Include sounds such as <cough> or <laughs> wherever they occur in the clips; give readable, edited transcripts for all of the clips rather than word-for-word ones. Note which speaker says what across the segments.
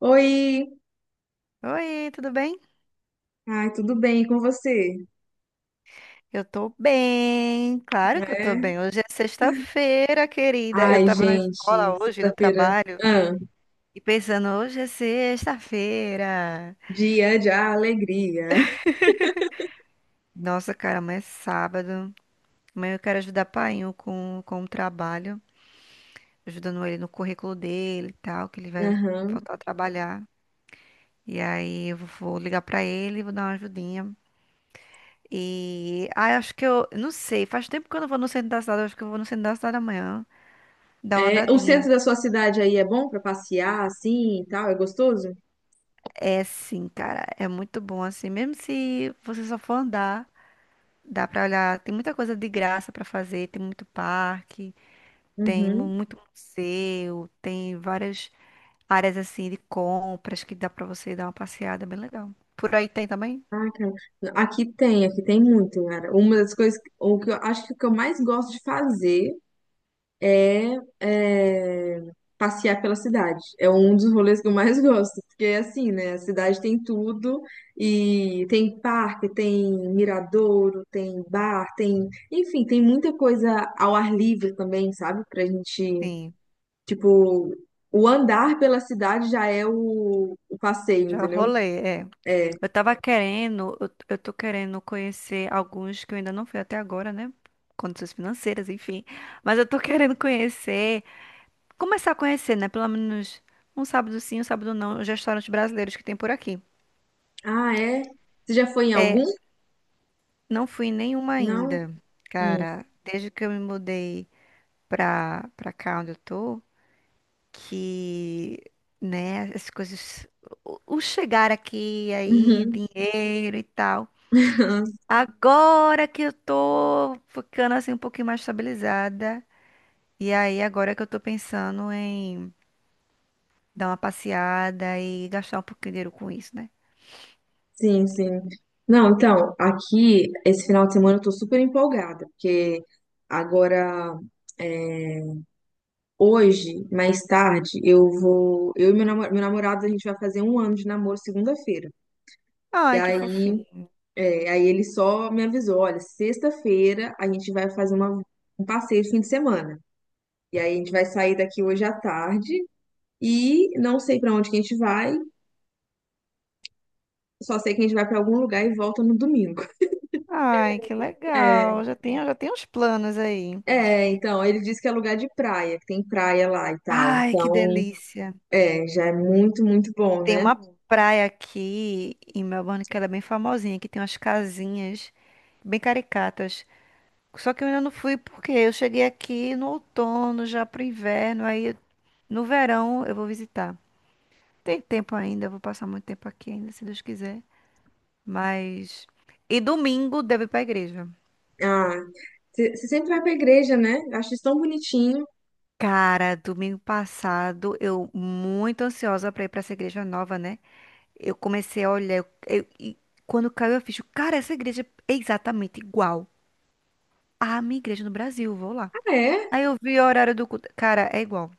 Speaker 1: Oi!
Speaker 2: Oi, tudo bem?
Speaker 1: Ai, tudo bem e com você?
Speaker 2: Eu tô bem, claro que eu tô
Speaker 1: É?
Speaker 2: bem. Hoje é sexta-feira, querida. Eu
Speaker 1: Ai,
Speaker 2: tava na
Speaker 1: gente,
Speaker 2: escola hoje, no
Speaker 1: sexta-feira.
Speaker 2: trabalho,
Speaker 1: Ah,
Speaker 2: e pensando, hoje é sexta-feira.
Speaker 1: dia de alegria.
Speaker 2: Nossa, cara, mas é sábado. Amanhã eu quero ajudar o painho com o trabalho, ajudando ele no currículo dele e tal, que ele vai
Speaker 1: Aham.
Speaker 2: voltar a trabalhar. E aí eu vou ligar pra ele, vou dar uma ajudinha. E eu acho que eu, não sei, faz tempo que eu não vou no centro da cidade, eu acho que eu vou no centro da cidade amanhã, dar uma
Speaker 1: É, o
Speaker 2: andadinha.
Speaker 1: centro da sua cidade aí é bom pra passear assim e tal? É gostoso?
Speaker 2: É sim, cara, é muito bom assim, mesmo se você só for andar, dá pra olhar, tem muita coisa de graça pra fazer, tem muito parque, tem
Speaker 1: Uhum.
Speaker 2: muito museu, tem várias áreas assim de compras que dá pra você dar uma passeada, é bem legal. Por aí tem também?
Speaker 1: Ah, cara. Aqui tem muito, cara. Uma das coisas, o que eu mais gosto de fazer é, é, passear pela cidade. É um dos rolês que eu mais <laughs> gosto, porque é assim, né? A cidade tem tudo e tem parque, tem miradouro, tem bar, tem, enfim, tem muita coisa ao ar livre também, sabe? Pra gente,
Speaker 2: Sim,
Speaker 1: tipo, o andar pela cidade já é o passeio,
Speaker 2: já
Speaker 1: entendeu?
Speaker 2: rolei, é.
Speaker 1: É.
Speaker 2: Eu tava querendo, eu tô querendo conhecer alguns que eu ainda não fui até agora, né? Condições financeiras, enfim. Mas eu tô <laughs> querendo conhecer. Começar a conhecer, né? Pelo menos um sábado sim, um sábado não, os restaurantes brasileiros que tem por aqui.
Speaker 1: Ah, é? Você já foi em algum?
Speaker 2: Não fui em nenhuma
Speaker 1: Não?
Speaker 2: ainda,
Speaker 1: Hum.
Speaker 2: cara, desde que eu me mudei pra cá onde eu tô, que, né, as coisas. O chegar aqui, aí,
Speaker 1: Uhum.
Speaker 2: dinheiro e tal.
Speaker 1: <laughs>
Speaker 2: Agora que eu tô ficando assim um pouquinho mais estabilizada. E aí, agora que eu tô pensando em dar uma passeada e gastar um pouquinho de dinheiro com isso, né?
Speaker 1: Sim, sim. Não, então, aqui, esse final de semana eu tô super empolgada, porque agora, é, hoje, mais tarde, eu vou. Eu e meu meu namorado, a gente vai fazer um ano de namoro segunda-feira. E
Speaker 2: Ai, que
Speaker 1: aí,
Speaker 2: fofinho.
Speaker 1: aí ele só me avisou: olha, sexta-feira a gente vai fazer um passeio de fim de semana. E aí a gente vai sair daqui hoje à tarde e não sei pra onde que a gente vai, só sei que a gente vai pra algum lugar e volta no domingo.
Speaker 2: Ai, que
Speaker 1: <laughs>
Speaker 2: legal. Já tenho uns planos aí.
Speaker 1: É, então, ele disse que é lugar de praia, que tem praia lá e tal.
Speaker 2: Ai, que
Speaker 1: Então,
Speaker 2: delícia.
Speaker 1: é, já é muito, muito bom,
Speaker 2: Tem
Speaker 1: né?
Speaker 2: uma praia aqui em Melbourne que ela é bem famosinha, que tem umas casinhas bem caricatas. Só que eu ainda não fui porque eu cheguei aqui no outono, já pro inverno, aí no verão eu vou visitar. Tem tempo ainda, eu vou passar muito tempo aqui ainda, se Deus quiser. Mas. E domingo devo ir pra igreja.
Speaker 1: Ah, você sempre vai pra igreja, né? Eu acho isso tão bonitinho.
Speaker 2: Cara, domingo passado eu muito ansiosa pra ir pra essa igreja nova, né? Eu comecei a olhar, e quando caiu a ficha, cara, essa igreja é exatamente igual à minha igreja no Brasil, vou lá.
Speaker 1: Ah, é?
Speaker 2: Aí eu vi o horário do culto, cara, é igual,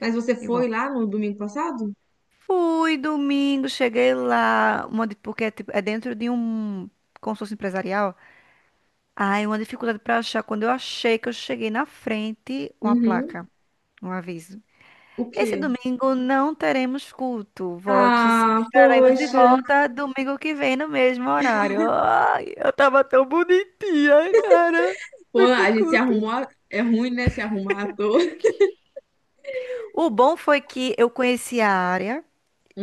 Speaker 1: Mas você foi
Speaker 2: igual.
Speaker 1: lá no domingo passado?
Speaker 2: Fui domingo, cheguei lá, uma, porque é, é dentro de um consórcio empresarial. Aí uma dificuldade pra achar, quando eu achei que eu cheguei na frente, uma
Speaker 1: Uhum.
Speaker 2: placa, um aviso.
Speaker 1: O
Speaker 2: Esse
Speaker 1: quê?
Speaker 2: domingo não teremos culto. Volte se
Speaker 1: Ah,
Speaker 2: estaremos de
Speaker 1: poxa.
Speaker 2: volta domingo que vem no mesmo horário. Ai, eu tava tão bonitinha, cara.
Speaker 1: Pô,
Speaker 2: Foi pro
Speaker 1: a gente se
Speaker 2: culto.
Speaker 1: arrumou. É ruim, né? Se arrumar à toa. <laughs>
Speaker 2: O bom foi que eu conheci a área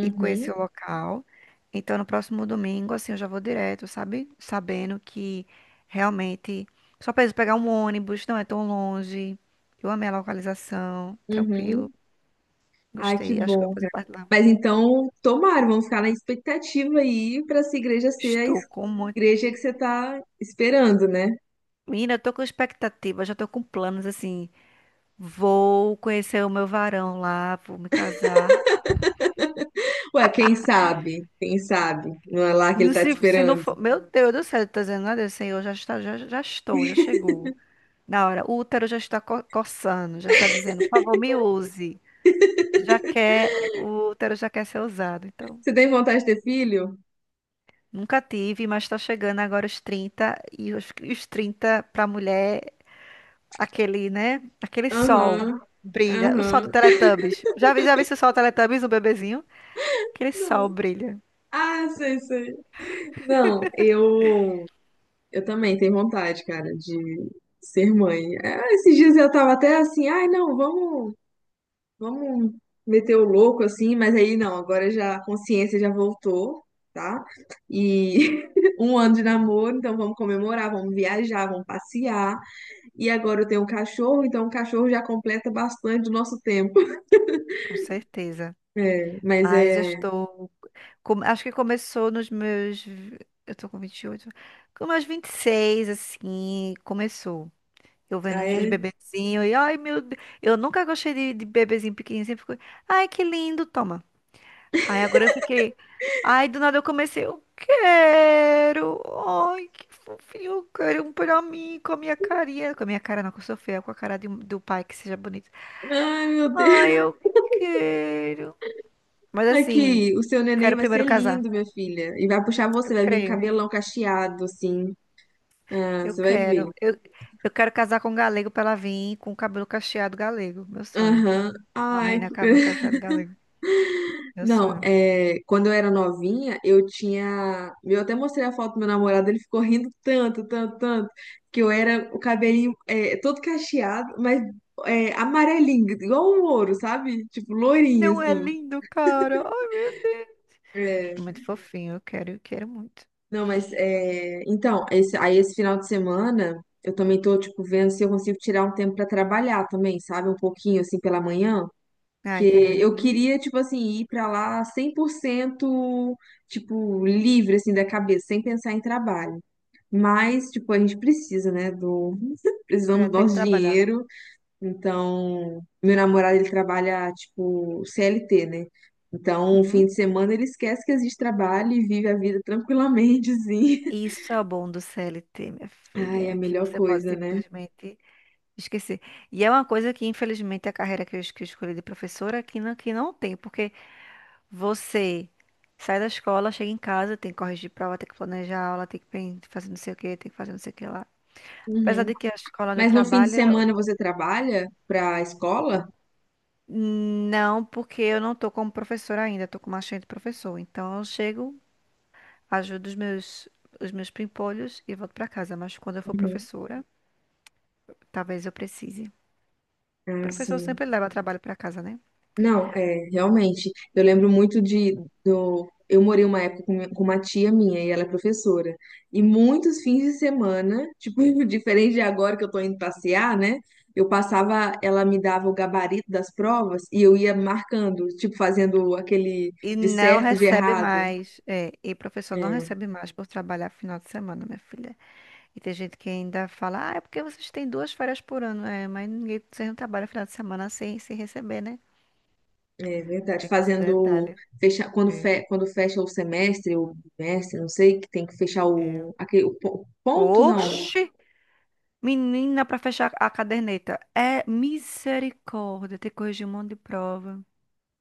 Speaker 2: e conheci o local. Então, no próximo domingo, assim, eu já vou direto, sabe? Sabendo que realmente só preciso pegar um ônibus, não é tão longe. Eu amei a localização, tranquilo.
Speaker 1: uhum. Ai, que
Speaker 2: Gostei, acho que eu
Speaker 1: bom,
Speaker 2: vou fazer
Speaker 1: cara.
Speaker 2: parte lá.
Speaker 1: Mas então, tomara, vamos ficar na expectativa aí pra essa igreja ser a
Speaker 2: Estou com muito.
Speaker 1: igreja que você tá esperando, né?
Speaker 2: Menina, eu tô com expectativa, já tô com planos assim. Vou conhecer o meu varão lá, vou me casar.
Speaker 1: Ué, quem sabe? Quem sabe? Não é lá que ele tá te
Speaker 2: Se, não
Speaker 1: esperando.
Speaker 2: for, meu Deus do céu, tá dizendo nada, Senhor, já está, já estou, já chegou. Na hora, o útero já está coçando, já está dizendo, por favor, me use. Já quer, o útero já quer ser usado. Então,
Speaker 1: Você tem vontade de ter filho?
Speaker 2: nunca tive, mas tá chegando agora os 30 e os 30 pra mulher, aquele, né? Aquele sol
Speaker 1: Aham,
Speaker 2: brilha, o sol do
Speaker 1: aham.
Speaker 2: Teletubbies. Já vi esse sol do Teletubbies, o bebezinho? Aquele sol
Speaker 1: Não.
Speaker 2: brilha,
Speaker 1: Ah, sei, sei. Não, eu também tenho vontade, cara, de ser mãe. Ah, esses dias eu tava até assim, ai, não, vamos, vamos meter o louco assim, mas aí não, agora já a consciência já voltou, tá? E <laughs> um ano de namoro, então vamos comemorar, vamos viajar, vamos passear. E agora eu tenho um cachorro, então o cachorro já completa bastante o nosso tempo.
Speaker 2: com certeza.
Speaker 1: É, mas
Speaker 2: Mas eu
Speaker 1: é.
Speaker 2: estou. Com- acho que começou nos meus. Eu tô com 28, com meus 26, assim, começou. Eu vendo
Speaker 1: Ah,
Speaker 2: os
Speaker 1: é.
Speaker 2: bebezinhos e, ai meu Deus. Eu nunca gostei de bebezinho pequenininho. Sempre fico, ai que lindo, toma. Aí agora eu fiquei. Ai, do nada eu comecei, eu quero. Ai, que fofinho, eu quero um pra mim, com a minha carinha. Com a minha cara, não, com a Sofia, com a cara de do pai, que seja bonito.
Speaker 1: Ai, meu
Speaker 2: Ai,
Speaker 1: Deus.
Speaker 2: eu. Quero. Mas assim,
Speaker 1: Aqui, o seu neném
Speaker 2: quero
Speaker 1: vai ser
Speaker 2: primeiro casar.
Speaker 1: lindo, minha filha. E vai puxar
Speaker 2: Eu
Speaker 1: você, vai vir com
Speaker 2: creio.
Speaker 1: cabelão cacheado, assim. Ah,
Speaker 2: Eu
Speaker 1: você vai ver.
Speaker 2: quero. Eu quero casar com um galego pra ela vir com o cabelo cacheado galego. Meu sonho.
Speaker 1: Aham.
Speaker 2: Uma
Speaker 1: Ai,
Speaker 2: menina. Cabelo
Speaker 1: que
Speaker 2: cacheado galego. Meu
Speaker 1: Não,
Speaker 2: sonho.
Speaker 1: é, quando eu era novinha, eu tinha. Eu até mostrei a foto do meu namorado, ele ficou rindo tanto, tanto, tanto, que eu era o cabelinho todo cacheado, mas é, amarelinho, igual um ouro, sabe? Tipo, lourinho,
Speaker 2: Não é
Speaker 1: assim.
Speaker 2: lindo, cara? Ai, meu Deus.
Speaker 1: É,
Speaker 2: É muito fofinho. Eu quero muito.
Speaker 1: não, mas é, então, esse, aí esse final de semana eu também tô, tipo, vendo se eu consigo tirar um tempo pra trabalhar também, sabe? Um pouquinho assim pela manhã.
Speaker 2: Ah,
Speaker 1: Que
Speaker 2: entendi.
Speaker 1: eu
Speaker 2: Uhum.
Speaker 1: queria, tipo assim, ir pra lá 100% tipo, livre, assim, da cabeça, sem pensar em trabalho. Mas, tipo, a gente precisa, né, do... <laughs> Precisamos
Speaker 2: É,
Speaker 1: do
Speaker 2: tem que
Speaker 1: nosso
Speaker 2: trabalhar.
Speaker 1: dinheiro. Então, meu namorado, ele trabalha, tipo, CLT, né? Então, o
Speaker 2: Uhum.
Speaker 1: fim de semana ele esquece que existe trabalho e vive a vida tranquilamente, assim. <laughs>
Speaker 2: Isso é o bom do CLT, minha
Speaker 1: Ai, é a
Speaker 2: filha, que
Speaker 1: melhor
Speaker 2: você pode
Speaker 1: coisa, né?
Speaker 2: simplesmente esquecer. E é uma coisa que, infelizmente, a carreira que que eu escolhi de professora que não tem, porque você sai da escola, chega em casa, tem que corrigir prova, tem que planejar aula, tem que fazer não sei o que, tem que fazer não sei o que lá. Apesar
Speaker 1: Uhum.
Speaker 2: de que a escola onde eu
Speaker 1: Mas no fim de
Speaker 2: trabalho,
Speaker 1: semana você trabalha pra escola?
Speaker 2: não, porque eu não tô como professora ainda, eu tô como assistente de professor. Então eu chego, ajudo os meus pimpolhos e volto pra casa. Mas quando eu for
Speaker 1: Uhum.
Speaker 2: professora, talvez eu precise.
Speaker 1: Ah,
Speaker 2: Professor
Speaker 1: sim.
Speaker 2: sempre leva trabalho pra casa, né?
Speaker 1: Não, é, realmente. Eu lembro muito do, eu morei uma época com uma tia minha e ela é professora. E muitos fins de semana, tipo, <laughs> diferente de agora que eu tô indo passear, né? Eu passava, ela me dava o gabarito das provas e eu ia marcando, tipo, fazendo aquele
Speaker 2: E
Speaker 1: de
Speaker 2: não
Speaker 1: certo, de
Speaker 2: recebe
Speaker 1: errado.
Speaker 2: mais, é, e professor não
Speaker 1: É
Speaker 2: recebe mais por trabalhar final de semana, minha filha. E tem gente que ainda fala, ah, é porque vocês têm duas férias por ano. É, mas ninguém, vocês não trabalham final de semana sem receber, né?
Speaker 1: é verdade,
Speaker 2: Tem esse
Speaker 1: fazendo
Speaker 2: detalhe.
Speaker 1: fecha, quando,
Speaker 2: É,
Speaker 1: quando fecha o semestre, o bimestre, não sei, que tem que fechar
Speaker 2: é.
Speaker 1: o, aquele, o ponto, não.
Speaker 2: Oxi! Menina, pra fechar a caderneta. É misericórdia, ter que corrigir um monte de prova.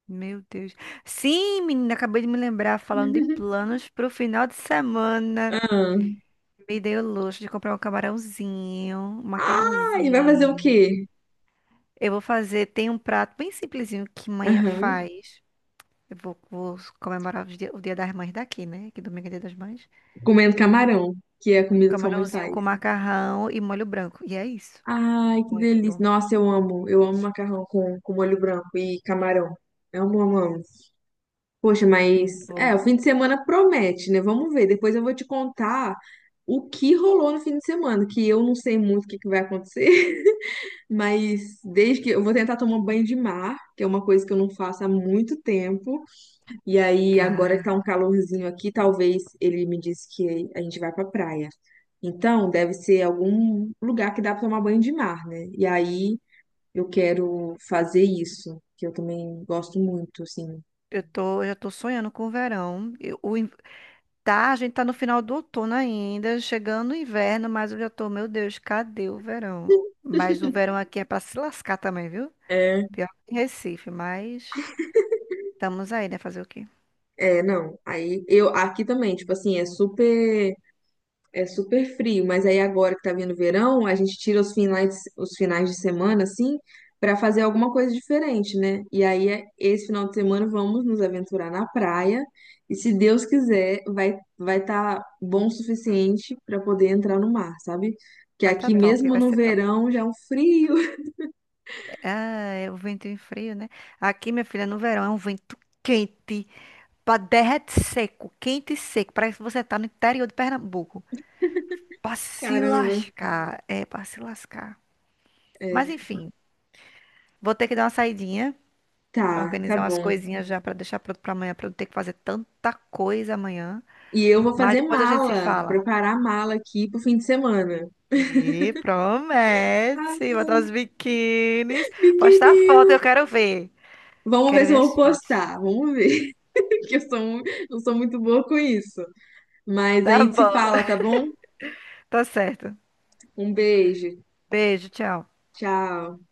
Speaker 2: Meu Deus. Sim, menina, acabei de me lembrar, falando de planos pro final de semana.
Speaker 1: Ah,
Speaker 2: Me dei o luxo de comprar um camarãozinho, um
Speaker 1: Ah, e vai fazer o
Speaker 2: macarrãozinho.
Speaker 1: quê?
Speaker 2: Eu vou fazer, tem um prato bem simplesinho que manhã
Speaker 1: Aham.
Speaker 2: faz. Eu vou, vou comemorar os o Dia das Mães daqui, né? Que domingo é Dia das Mães.
Speaker 1: Comendo camarão, que é a
Speaker 2: Um
Speaker 1: comida que sua mãe
Speaker 2: camarãozinho
Speaker 1: faz.
Speaker 2: com macarrão e molho branco. E é isso.
Speaker 1: Ai, que
Speaker 2: Muito
Speaker 1: delícia.
Speaker 2: bom.
Speaker 1: Nossa, eu amo. Eu amo macarrão com molho branco e camarão. Amo, amo, amo. Poxa, mas é, o
Speaker 2: Vou.
Speaker 1: fim de semana promete, né? Vamos ver. Depois eu vou te contar o que rolou no fim de semana, que eu não sei muito o que que vai acontecer, <laughs> mas desde que eu vou tentar tomar banho de mar, que é uma coisa que eu não faço há muito tempo. E aí, agora que
Speaker 2: Cara,
Speaker 1: tá um calorzinho aqui, talvez ele me disse que a gente vai pra praia. Então, deve ser algum lugar que dá pra tomar banho de mar, né? E aí, eu quero fazer isso, que eu também gosto muito, assim.
Speaker 2: eu já tô sonhando com o verão. Tá, a gente tá no final do outono ainda, chegando o inverno, mas eu já tô, meu Deus, cadê o verão? Mas o verão aqui é pra se lascar também, viu?
Speaker 1: É,
Speaker 2: Pior que em Recife, mas estamos aí, né? Fazer o quê?
Speaker 1: é, não. Aí, eu aqui também, tipo assim, é super É super frio, mas aí agora que tá vindo o verão, a gente tira os finais de semana, assim, pra fazer alguma coisa diferente, né? E aí, esse final de semana, vamos nos aventurar na praia. E se Deus quiser, vai estar bom o suficiente pra poder entrar no mar, sabe? Que
Speaker 2: Vai tá
Speaker 1: aqui
Speaker 2: top,
Speaker 1: mesmo
Speaker 2: vai
Speaker 1: no
Speaker 2: ser top.
Speaker 1: verão já é um frio. <laughs>
Speaker 2: Ah, é o vento em frio, né? Aqui, minha filha, no verão é um vento quente, pra derrete seco, quente e seco. Parece que você tá no interior de Pernambuco. Pra se
Speaker 1: Caramba.
Speaker 2: lascar, é pra se lascar. Mas
Speaker 1: É,
Speaker 2: enfim, vou ter que dar uma saidinha,
Speaker 1: tá, tá
Speaker 2: organizar umas
Speaker 1: bom.
Speaker 2: coisinhas já pra deixar pronto pra amanhã, pra não ter que fazer tanta coisa amanhã.
Speaker 1: E eu vou
Speaker 2: Mas
Speaker 1: fazer
Speaker 2: depois a gente se
Speaker 1: mala,
Speaker 2: fala.
Speaker 1: preparar mala aqui pro fim de semana. <laughs>
Speaker 2: E
Speaker 1: Ah,
Speaker 2: promete, botar os biquínis, postar foto,
Speaker 1: biquininho.
Speaker 2: eu quero ver.
Speaker 1: Vamos ver
Speaker 2: Quero
Speaker 1: se
Speaker 2: ver
Speaker 1: eu
Speaker 2: as
Speaker 1: vou
Speaker 2: fotos.
Speaker 1: postar. Vamos ver. Porque eu sou, eu sou muito boa com isso. Mas a
Speaker 2: Tá
Speaker 1: gente se
Speaker 2: bom,
Speaker 1: fala, tá bom?
Speaker 2: <laughs> tá certo.
Speaker 1: Um beijo.
Speaker 2: Beijo, tchau.
Speaker 1: Tchau.